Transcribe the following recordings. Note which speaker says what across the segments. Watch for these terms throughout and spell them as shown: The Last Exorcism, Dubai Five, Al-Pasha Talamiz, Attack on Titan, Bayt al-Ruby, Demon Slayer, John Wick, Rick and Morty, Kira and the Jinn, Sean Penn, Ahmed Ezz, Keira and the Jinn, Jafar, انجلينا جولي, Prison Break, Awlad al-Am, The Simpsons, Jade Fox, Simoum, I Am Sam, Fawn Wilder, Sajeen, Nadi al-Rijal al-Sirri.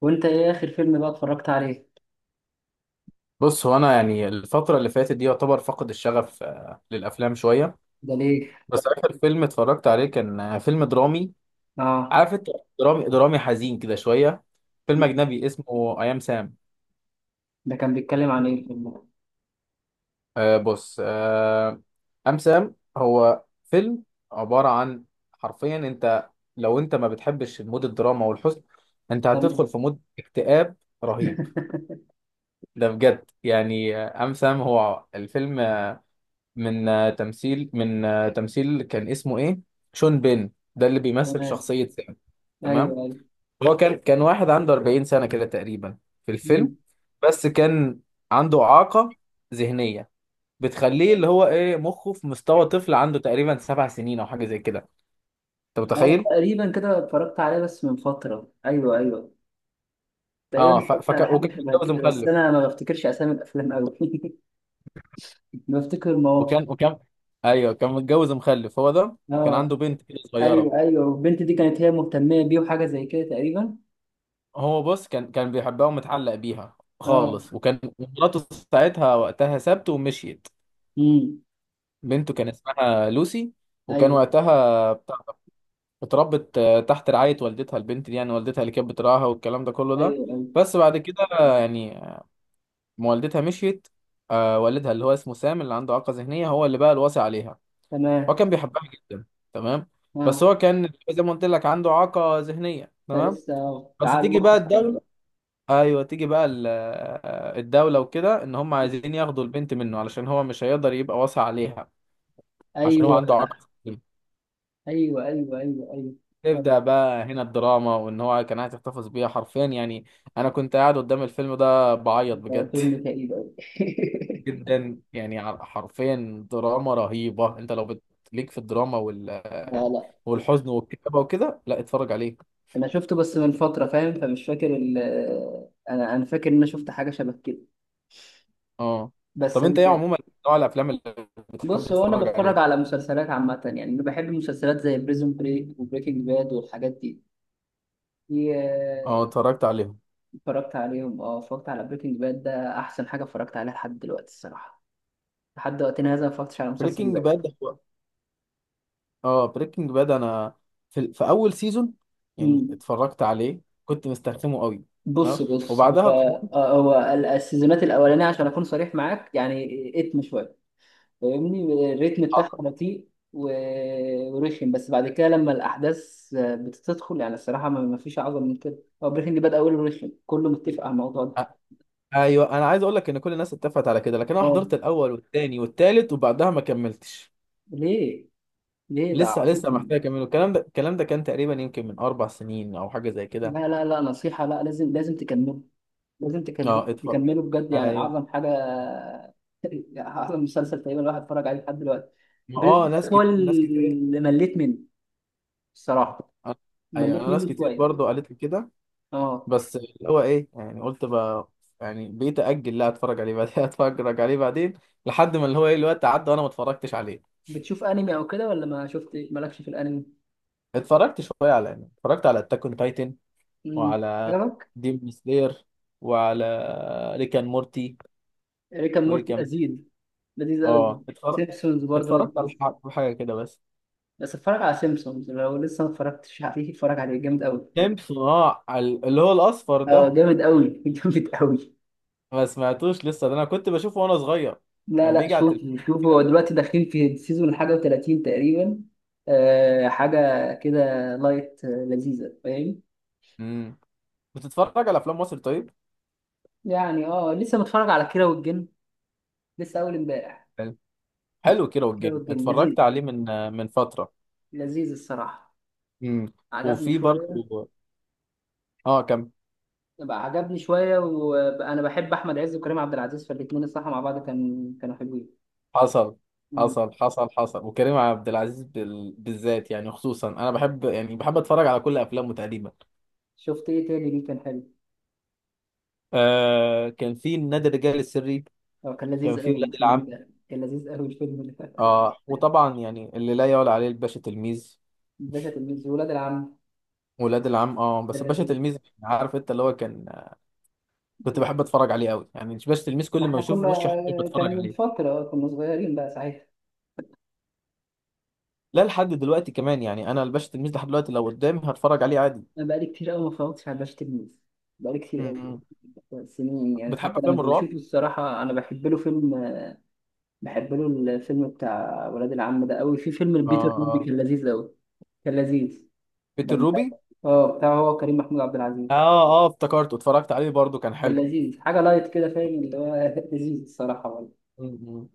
Speaker 1: وانت ايه اخر فيلم بقى اتفرجت عليه؟
Speaker 2: بص، هو انا يعني الفتره اللي فاتت دي يعتبر فقد الشغف للافلام شويه.
Speaker 1: ده ليه؟
Speaker 2: بس اخر فيلم اتفرجت عليه كان فيلم درامي.
Speaker 1: اه.
Speaker 2: عارف انت، درامي درامي حزين كده شويه. فيلم اجنبي اسمه اي ام سام.
Speaker 1: ده كان بيتكلم عن ايه الفيلم ده؟
Speaker 2: بص ام سام هو فيلم عباره عن، حرفيا انت لو انت ما بتحبش مود الدراما والحزن انت
Speaker 1: تمام.
Speaker 2: هتدخل في مود اكتئاب رهيب. ده بجد يعني ام سام هو الفيلم من تمثيل كان اسمه ايه؟ شون بين ده اللي بيمثل
Speaker 1: تمام.
Speaker 2: شخصية سام.
Speaker 1: ايوه،
Speaker 2: تمام.
Speaker 1: ايوه.
Speaker 2: هو كان واحد عنده 40 سنة كده تقريبا في الفيلم.
Speaker 1: مم.
Speaker 2: بس كان عنده إعاقة ذهنية بتخليه اللي هو ايه مخه في مستوى طفل عنده تقريبا 7 سنين او حاجة زي كده. انت
Speaker 1: اه،
Speaker 2: متخيل.
Speaker 1: تقريبا كده اتفرجت عليه بس من فتره. ايوه، ايوه. تقريبا
Speaker 2: اه
Speaker 1: اتفرجت على
Speaker 2: وكان
Speaker 1: حاجه شبه
Speaker 2: متجوز
Speaker 1: كده، بس
Speaker 2: مخلف.
Speaker 1: انا ما بفتكرش اسامي الافلام قوي. بفتكر مواقف.
Speaker 2: وكان ايوه كان متجوز مخلف هو ده. كان
Speaker 1: اه.
Speaker 2: عنده بنت كده صغيرة.
Speaker 1: ايوه، ايوه، والبنت دي كانت هي مهتمه بيه وحاجه زي كده تقريبا.
Speaker 2: هو بص كان بيحبها ومتعلق بيها
Speaker 1: اه.
Speaker 2: خالص، وكان مراته ساعتها وقتها سابته ومشيت.
Speaker 1: امم.
Speaker 2: بنته كان اسمها لوسي. وكان
Speaker 1: ايوه،
Speaker 2: وقتها بتاع ده، اتربت تحت رعاية والدتها، البنت دي يعني والدتها اللي كانت بتراعاها والكلام ده كله
Speaker 1: ايوه،
Speaker 2: ده.
Speaker 1: ايوه.
Speaker 2: بس بعد كده يعني ما والدتها مشيت، والدها اللي هو اسمه سام اللي عنده إعاقة ذهنية هو اللي بقى الوصي عليها.
Speaker 1: تمام.
Speaker 2: هو كان بيحبها جدا. تمام. بس
Speaker 1: اه.
Speaker 2: هو كان زي ما قلت لك عنده إعاقة ذهنية، تمام.
Speaker 1: فلسه، اه،
Speaker 2: بس
Speaker 1: تعال
Speaker 2: تيجي
Speaker 1: مخ
Speaker 2: بقى
Speaker 1: صغير.
Speaker 2: الدولة. ايوه تيجي بقى الدولة وكده ان هم عايزين ياخدوا البنت منه علشان هو مش هيقدر يبقى واسع عليها. عشان هو
Speaker 1: ايوه،
Speaker 2: عنده عقد.
Speaker 1: ايوه، ايوه، ايوه. ايوه. طب.
Speaker 2: تبدأ بقى هنا الدراما، وان هو كان عايز يحتفظ بيها حرفيا يعني. انا كنت قاعد قدام الفيلم ده بعيط
Speaker 1: ده
Speaker 2: بجد
Speaker 1: فيلم كئيب قوي.
Speaker 2: جدا يعني حرفيا دراما رهيبة. انت لو ليك في الدراما
Speaker 1: لا، لا.
Speaker 2: والحزن والكتابة وكده لا اتفرج عليه.
Speaker 1: انا شفته بس من فتره، فاهم؟ فمش فاكر ال آه، انا فاكر ان انا شفت حاجه شبه كده
Speaker 2: اه.
Speaker 1: بس
Speaker 2: طب انت ايه عموما نوع الافلام اللي بتحب
Speaker 1: بص هو انا
Speaker 2: تتفرج
Speaker 1: بتفرج
Speaker 2: عليه؟
Speaker 1: على مسلسلات عامه، يعني انا بحب مسلسلات زي بريزون بريك وبريكنج باد والحاجات دي دي،
Speaker 2: اه
Speaker 1: آه،
Speaker 2: اتفرجت عليهم
Speaker 1: اتفرجت عليهم. اه، اتفرجت على بريكنج باد، ده احسن حاجه اتفرجت عليها لحد دلوقتي الصراحه. لحد وقتنا هذا ما اتفرجتش على مسلسل.
Speaker 2: بريكنج باد. اه بريكنج باد انا في, في اول سيزون
Speaker 1: بقى،
Speaker 2: يعني اتفرجت عليه كنت مسترخمه قوي.
Speaker 1: بص،
Speaker 2: اه
Speaker 1: بص، هو
Speaker 2: وبعدها قمت.
Speaker 1: هو السيزونات الاولانيه عشان اكون صريح معاك يعني اتم شويه. فاهمني؟ الريتم بتاعها
Speaker 2: حضر.
Speaker 1: بطيء ورخم، بس بعد كده لما الاحداث بتدخل يعني الصراحه ما فيش اعظم من كده. هو بريكنج باد اوله رخم، كله متفق على الموضوع ده.
Speaker 2: آه، ايوه، انا عايز اقول لك ان كل الناس اتفقت على كده لكن انا
Speaker 1: اه.
Speaker 2: حضرت الاول والثاني والثالث وبعدها ما كملتش.
Speaker 1: ليه؟ ليه؟ ده
Speaker 2: لسه لسه محتاج
Speaker 1: عظيم.
Speaker 2: اكمله. الكلام ده الكلام ده كان تقريبا يمكن من اربع سنين او حاجه زي كده.
Speaker 1: لا، لا، لا، نصيحه، لا، لازم، لازم تكمل. لازم
Speaker 2: اه اتفرج.
Speaker 1: تكمله بجد، يعني
Speaker 2: ايوه.
Speaker 1: اعظم حاجه. اعظم مسلسل تقريبا الواحد اتفرج عليه لحد دلوقتي.
Speaker 2: ما اه،
Speaker 1: بريزون
Speaker 2: ناس
Speaker 1: بريك هو
Speaker 2: كتير ناس كتير.
Speaker 1: اللي مليت منه الصراحه.
Speaker 2: ايوه،
Speaker 1: مليت
Speaker 2: انا ناس
Speaker 1: منه
Speaker 2: كتير
Speaker 1: شويه.
Speaker 2: برضو قالت لي كده،
Speaker 1: اه.
Speaker 2: بس اللي هو ايه يعني قلت بقى يعني بقيت اجل لا اتفرج عليه بعدين اتفرج عليه بعدين لحد ما اللي هو ايه الوقت عدى وانا ما اتفرجتش عليه.
Speaker 1: بتشوف انمي او كده ولا ما شفت؟ مالكش في الانمي؟
Speaker 2: اتفرجت شويه على يعني اتفرجت على اتاك اون تايتن
Speaker 1: امم.
Speaker 2: وعلى
Speaker 1: عجبك؟
Speaker 2: ديم سلاير وعلى ريك اند مورتي.
Speaker 1: ريكا
Speaker 2: وايه
Speaker 1: مورتي
Speaker 2: كمان؟
Speaker 1: لذيذ. لذيذ قوي.
Speaker 2: اه اتفرجت.
Speaker 1: سيمبسونز برضه
Speaker 2: اتفرجت على
Speaker 1: لذيذ.
Speaker 2: حاجه كده بس.
Speaker 1: بس اتفرج على سيمبسونز، لو لسه ما اتفرجتش عليه اتفرج عليه، جامد قوي.
Speaker 2: سيمبسون، اه اللي هو الاصفر ده؟
Speaker 1: اه، جامد قوي. جامد قوي.
Speaker 2: ما سمعتوش لسه ده، انا كنت بشوفه وانا صغير
Speaker 1: لا،
Speaker 2: كان
Speaker 1: لا.
Speaker 2: بيجي على
Speaker 1: شوف،
Speaker 2: التلفزيون
Speaker 1: شوف، هو
Speaker 2: كده.
Speaker 1: دلوقتي داخلين في السيزون حاجة و30 تقريبا. أه، حاجة كده. لايت، لذيذة، فاهم؟
Speaker 2: امم. بتتفرج على افلام مصر طيب؟
Speaker 1: يعني اه، لسه متفرج على كيرة والجن. لسه أول امبارح. متفرج
Speaker 2: حلو كيرة
Speaker 1: على كيرة
Speaker 2: والجن،
Speaker 1: والجن لذيذ.
Speaker 2: اتفرجت عليه من فترة.
Speaker 1: لذيذ الصراحة.
Speaker 2: امم.
Speaker 1: عجبني
Speaker 2: وفي برضو
Speaker 1: شوية.
Speaker 2: اه كان.
Speaker 1: بقى عجبني شوية، وأنا بحب أحمد عز وكريم عبد العزيز، فالاتنين الصراحة مع بعض كانوا حلوين.
Speaker 2: حصل.
Speaker 1: مم.
Speaker 2: حصل وكريم عبد العزيز بالذات يعني، خصوصا انا بحب يعني بحب اتفرج على كل افلامه تقريبا.
Speaker 1: شفت إيه تاني ليه كان حلو؟
Speaker 2: آه كان في نادي الرجال السري.
Speaker 1: هو كان
Speaker 2: كان
Speaker 1: لذيذ
Speaker 2: في
Speaker 1: أوي
Speaker 2: ولاد
Speaker 1: الفيلم
Speaker 2: العم.
Speaker 1: ده، كان لذيذ أوي الفيلم ده.
Speaker 2: اه وطبعا يعني اللي لا يعلى عليه الباشا تلميذ.
Speaker 1: الباشا تلميذ، ولاد العم.
Speaker 2: ولاد العم اه،
Speaker 1: كان
Speaker 2: بس الباشا
Speaker 1: لذيذ.
Speaker 2: تلميذ عارف انت اللي هو كان، كنت بحب اتفرج عليه قوي يعني. الباشا تلميذ
Speaker 1: ما
Speaker 2: كل ما
Speaker 1: احنا
Speaker 2: بشوفه
Speaker 1: كنا،
Speaker 2: وشي حرفيا
Speaker 1: كان
Speaker 2: بتفرج
Speaker 1: من
Speaker 2: عليه.
Speaker 1: فترة كنا صغيرين بقى ساعتها.
Speaker 2: لا لحد دلوقتي كمان يعني، انا الباشا تلميذ لحد دلوقتي لو قدامي هتفرج عليه عادي.
Speaker 1: انا بقالي كتير قوي ما اتفرجتش على باشا تلميذ، بقالي كتير قوي.
Speaker 2: م-م.
Speaker 1: سنين يعني.
Speaker 2: بتحب
Speaker 1: حتى لما
Speaker 2: افلام الرعب؟
Speaker 1: بشوفه الصراحة انا بحب له فيلم. بحب له. الفيلم بتاع ولاد العم ده قوي. في فيلم
Speaker 2: اه
Speaker 1: البيتر روبي
Speaker 2: اه.
Speaker 1: كان لذيذ قوي. كان لذيذ.
Speaker 2: بيت
Speaker 1: ده مش عارف.
Speaker 2: الروبي.
Speaker 1: اه، بتاع هو كريم محمود عبد العزيز.
Speaker 2: اه اه، افتكرته اتفرجت عليه برضو كان
Speaker 1: كان
Speaker 2: حلو.
Speaker 1: لذيذ، حاجة لايت كده، فاهم اللي هو. لذيذ الصراحة.
Speaker 2: م-م.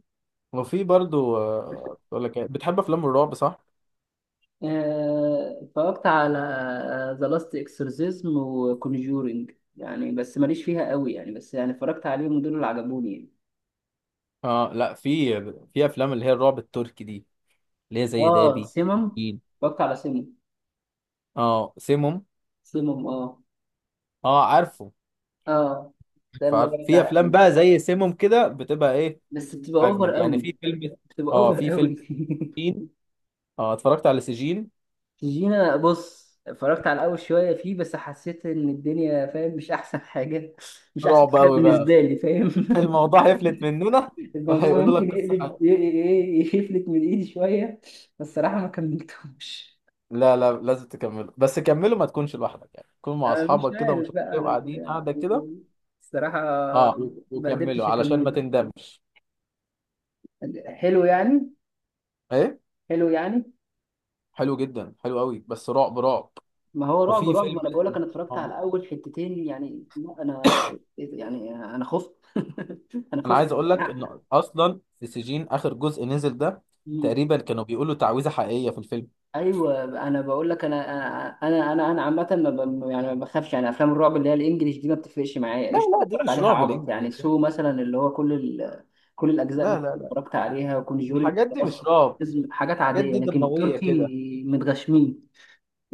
Speaker 2: وفي برضو بقول لك إيه، بتحب افلام الرعب صح؟
Speaker 1: اتفرجت على ذا لاست اكسورسيزم وكونجورينج، يعني بس ماليش فيها قوي، يعني بس يعني اتفرجت عليهم دول اللي عجبوني يعني.
Speaker 2: اه لا، في افلام اللي هي الرعب التركي دي اللي هي زي
Speaker 1: اه،
Speaker 2: دابي.
Speaker 1: سيمم.
Speaker 2: أكيد.
Speaker 1: اتفرجت على سيمم.
Speaker 2: اه سيموم.
Speaker 1: سيمم، اه.
Speaker 2: اه عارفه.
Speaker 1: اه. ده اللي هو
Speaker 2: فعارف، في
Speaker 1: بتاع
Speaker 2: افلام
Speaker 1: يعني.
Speaker 2: بقى زي سيموم كده بتبقى ايه،
Speaker 1: بس بتبقى اوفر
Speaker 2: اجمد يعني.
Speaker 1: قوي.
Speaker 2: في فيلم،
Speaker 1: بتبقى
Speaker 2: اه
Speaker 1: اوفر
Speaker 2: في فيلم
Speaker 1: قوي.
Speaker 2: سجين. اه اتفرجت على سجين.
Speaker 1: جينا، بص، اتفرجت على اول شويه فيه بس حسيت ان الدنيا، فاهم، مش احسن حاجه. مش احسن
Speaker 2: رعب
Speaker 1: حاجه
Speaker 2: قوي بقى.
Speaker 1: بالنسبه لي، فاهم؟
Speaker 2: الموضوع هيفلت مننا.
Speaker 1: الموضوع
Speaker 2: وهيقولوا
Speaker 1: ممكن
Speaker 2: لك قصة
Speaker 1: يقلب
Speaker 2: حلوة.
Speaker 1: يفلت من ايدي شوية. بس الصراحة ما كملتهمش.
Speaker 2: لا لا لازم تكمله، بس كمله ما تكونش لوحدك يعني، تكون مع
Speaker 1: أنا مش
Speaker 2: اصحابك كده ومش
Speaker 1: عارف
Speaker 2: عارف ايه
Speaker 1: بقى
Speaker 2: وقاعدين قاعدة كده.
Speaker 1: يعني. الصراحة
Speaker 2: اه
Speaker 1: ما
Speaker 2: وكمله
Speaker 1: قدرتش
Speaker 2: علشان
Speaker 1: أكمله.
Speaker 2: ما تندمش.
Speaker 1: حلو يعني.
Speaker 2: ايه؟
Speaker 1: حلو يعني.
Speaker 2: حلو جدا، حلو قوي، بس رعب رعب.
Speaker 1: ما هو رعب
Speaker 2: وفي
Speaker 1: رعب، ما
Speaker 2: فيلم
Speaker 1: أنا بقول لك أنا اتفرجت
Speaker 2: اه،
Speaker 1: على أول حتتين، يعني لا، أنا. يعني أنا خفت. أنا
Speaker 2: انا
Speaker 1: خفت.
Speaker 2: عايز اقول لك ان اصلا في سجين اخر جزء نزل ده
Speaker 1: مم.
Speaker 2: تقريبا كانوا بيقولوا تعويذة حقيقية في الفيلم.
Speaker 1: ايوه، انا بقول لك انا انا انا انا أنا عامه ما ب... يعني ما بخافش يعني، افلام الرعب اللي هي الانجليش دي ما بتفرقش معايا،
Speaker 2: لا
Speaker 1: ايش
Speaker 2: لا، دي
Speaker 1: بتفرج
Speaker 2: مش
Speaker 1: عليها
Speaker 2: رعب
Speaker 1: عبط يعني
Speaker 2: الانجليزي ده.
Speaker 1: سو مثلا اللي هو كل الاجزاء
Speaker 2: لا لا لا،
Speaker 1: اتفرجت عليها، وكونجورينج
Speaker 2: الحاجات دي مش
Speaker 1: اصلا
Speaker 2: رعب.
Speaker 1: حاجات
Speaker 2: الحاجات
Speaker 1: عاديه،
Speaker 2: دي
Speaker 1: لكن
Speaker 2: دموية كده.
Speaker 1: التركي متغشمين.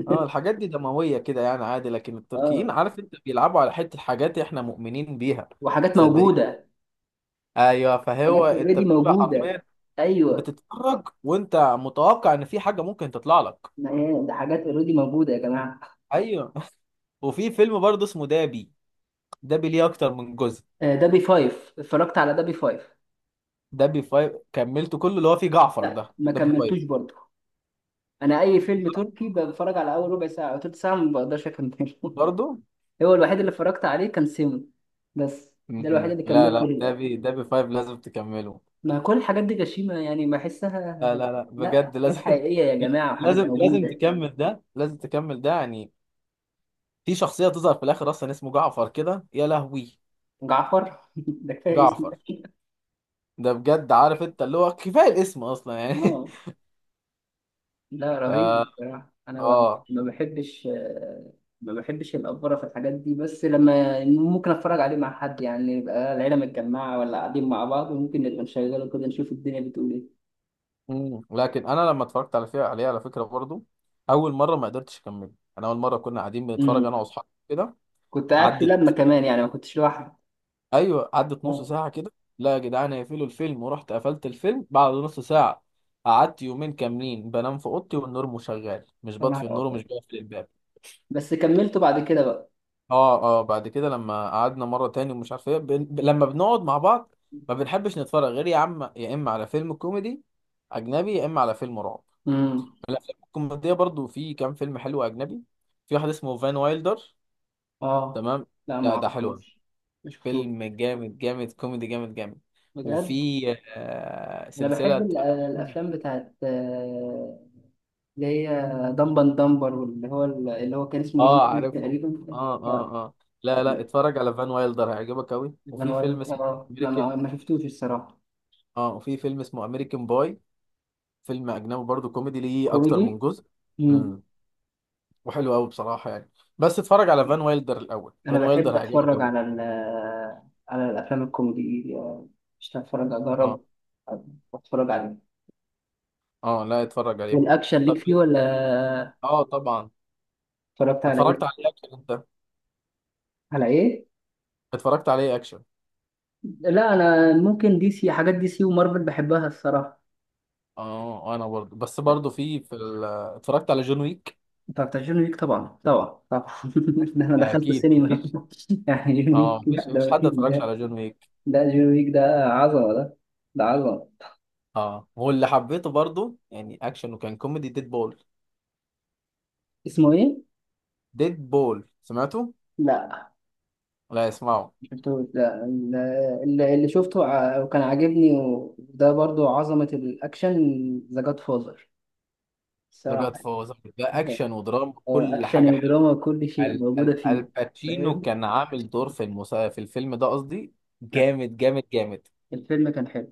Speaker 2: اه الحاجات دي دموية كده يعني عادي، لكن
Speaker 1: اه،
Speaker 2: التركيين عارف انت بيلعبوا على حتة حاجات احنا مؤمنين بيها.
Speaker 1: وحاجات
Speaker 2: صدقين.
Speaker 1: موجوده.
Speaker 2: ايوه،
Speaker 1: حاجات
Speaker 2: فهو انت
Speaker 1: اوريدي
Speaker 2: بتبقى
Speaker 1: موجوده.
Speaker 2: حرفيا
Speaker 1: ايوه.
Speaker 2: بتتفرج وانت متوقع ان في حاجة ممكن تطلع لك.
Speaker 1: ما هي ده حاجات اوريدي موجوده يا جماعه.
Speaker 2: ايوه وفي فيلم برضه اسمه دابي. دابي ليه اكتر من جزء.
Speaker 1: دبي فايف، اتفرجت على دبي فايف.
Speaker 2: دابي فايف كملته كله، اللي هو فيه جعفر
Speaker 1: لا،
Speaker 2: ده،
Speaker 1: ما
Speaker 2: دابي فايف.
Speaker 1: كملتوش برضه. انا اي فيلم تركي بتفرج على اول ربع ساعه او تلت ساعه ما بقدرش اكمله.
Speaker 2: برضه.
Speaker 1: هو الوحيد اللي اتفرجت عليه كان سيمو. بس ده الوحيد
Speaker 2: م-م.
Speaker 1: اللي
Speaker 2: لا
Speaker 1: كملته
Speaker 2: لا
Speaker 1: للاخر.
Speaker 2: دابي فايف لازم تكمله.
Speaker 1: ما كل الحاجات دي غشيمه يعني بحسها.
Speaker 2: لا لا لا
Speaker 1: لا،
Speaker 2: بجد
Speaker 1: حاجات
Speaker 2: لازم.
Speaker 1: حقيقيه يا جماعه، وحاجات
Speaker 2: لازم لازم
Speaker 1: موجوده.
Speaker 2: تكمل ده، لازم تكمل ده يعني. في شخصية تظهر في الآخر أصلا اسمه جعفر كده، يا لهوي،
Speaker 1: جعفر. ده كفايه اسمه.
Speaker 2: جعفر. ده بجد عارف أنت اللي هو كفاية الاسم أصلا يعني.
Speaker 1: اه، لا،
Speaker 2: فا
Speaker 1: رهيب بصراحه. انا
Speaker 2: آه.
Speaker 1: ما بحبش الافوره في الحاجات دي، بس لما ممكن اتفرج عليه مع حد، يعني يبقى العيله متجمعه ولا قاعدين مع بعض، وممكن نبقى نشغله كده نشوف الدنيا بتقول ايه.
Speaker 2: مم. لكن أنا لما اتفرجت على فيها عليها على فكرة برضو أول مرة ما قدرتش أكمل. أنا أول مرة كنا قاعدين بنتفرج
Speaker 1: امم.
Speaker 2: أنا وأصحابي كده.
Speaker 1: كنت قاعد في، لما
Speaker 2: عدت.
Speaker 1: كمان يعني ما كنتش لوحدي.
Speaker 2: أيوه، عدت نص
Speaker 1: اه.
Speaker 2: ساعة كده. لا يا جدعان، هيقفلوا الفيلم، ورحت قفلت الفيلم بعد نص ساعة. قعدت يومين كاملين بنام في أوضتي والنور مشغل، مش
Speaker 1: يا
Speaker 2: بطفي
Speaker 1: نهار
Speaker 2: النور ومش
Speaker 1: ابيض.
Speaker 2: بقفل الباب.
Speaker 1: بس كملته بعد كده بقى.
Speaker 2: اه اه، بعد كده لما قعدنا مره تاني ومش عارف ايه لما بنقعد مع بعض، ما بنحبش نتفرج غير يا عم يا اما على فيلم كوميدي اجنبي يا اما على فيلم رعب.
Speaker 1: امم.
Speaker 2: الافلام الكوميديه برضو، في كام فيلم حلو اجنبي. في واحد اسمه فان وايلدر.
Speaker 1: اه،
Speaker 2: تمام.
Speaker 1: لا، ما
Speaker 2: لا ده حلو أوي.
Speaker 1: اعرفوش. ما شفتوش.
Speaker 2: فيلم جامد جامد كوميدي جامد جامد.
Speaker 1: بجد؟
Speaker 2: وفي
Speaker 1: انا بحب
Speaker 2: سلسله.
Speaker 1: الافلام بتاعت اللي هي دمبن دمبر دمبر، واللي هو اللي هو كان اسمه ايجي
Speaker 2: اه
Speaker 1: كير
Speaker 2: عارفه.
Speaker 1: تقريبا.
Speaker 2: اه
Speaker 1: لا.
Speaker 2: اه اه. لا لا،
Speaker 1: كان
Speaker 2: اتفرج على فان وايلدر هيعجبك قوي.
Speaker 1: كان
Speaker 2: وفي فيلم اسمه
Speaker 1: اه، لا،
Speaker 2: امريكان
Speaker 1: ما شفتوش الصراحه.
Speaker 2: اه وفي فيلم اسمه امريكان باي. فيلم اجنبي برضو كوميدي ليه اكتر
Speaker 1: كوميدي.
Speaker 2: من جزء.
Speaker 1: امم.
Speaker 2: امم. وحلو قوي بصراحه يعني. بس اتفرج على فان وايلدر الاول،
Speaker 1: انا
Speaker 2: فان
Speaker 1: بحب
Speaker 2: وايلدر هيعجبك
Speaker 1: اتفرج
Speaker 2: قوي.
Speaker 1: على الافلام الكوميدي مش هتفرج؟
Speaker 2: اه
Speaker 1: اجرب. اتفرج عليه.
Speaker 2: اه لا اتفرج عليه.
Speaker 1: والاكشن ليك
Speaker 2: طب
Speaker 1: فيه ولا؟
Speaker 2: اه طبعا.
Speaker 1: اتفرجت على
Speaker 2: اتفرجت
Speaker 1: ايه؟
Speaker 2: عليه اكشن انت.
Speaker 1: على ايه؟
Speaker 2: اتفرجت عليه اكشن.
Speaker 1: لا، انا ممكن دي سي، حاجات دي سي ومارفل بحبها الصراحه.
Speaker 2: اه انا برضو، برضو في اتفرجت على جون ويك.
Speaker 1: انت بتعجبني، ليك طبعا، طبعا، طبعا. ده انا دخلت
Speaker 2: اكيد
Speaker 1: السينما.
Speaker 2: مفيش.
Speaker 1: يعني جون
Speaker 2: اه
Speaker 1: ويك، لا
Speaker 2: مفيش،
Speaker 1: ده
Speaker 2: حد
Speaker 1: مفيش
Speaker 2: اتفرجش
Speaker 1: ده.
Speaker 2: على جون ويك.
Speaker 1: ده جون ويك ده. عظمه ده. ده عظمه.
Speaker 2: اه واللي حبيته برضو يعني اكشن وكان كوميدي ديد بول.
Speaker 1: اسمه ايه؟
Speaker 2: ديد بول سمعته.
Speaker 1: لا.
Speaker 2: لا اسمعه.
Speaker 1: شفته ده اللي شفته وكان عاجبني، وده برضو عظمة الأكشن. ذا جاد فازر
Speaker 2: لا
Speaker 1: الصراحة.
Speaker 2: جاد فوز ده اكشن ودراما
Speaker 1: اه،
Speaker 2: كل
Speaker 1: أكشن
Speaker 2: حاجه.
Speaker 1: ودراما كل شيء موجودة فيه.
Speaker 2: الباتشينو
Speaker 1: فاهم؟
Speaker 2: كان عامل دور في في الفيلم ده قصدي.
Speaker 1: لا.
Speaker 2: جامد جامد جامد.
Speaker 1: الفيلم كان حلو.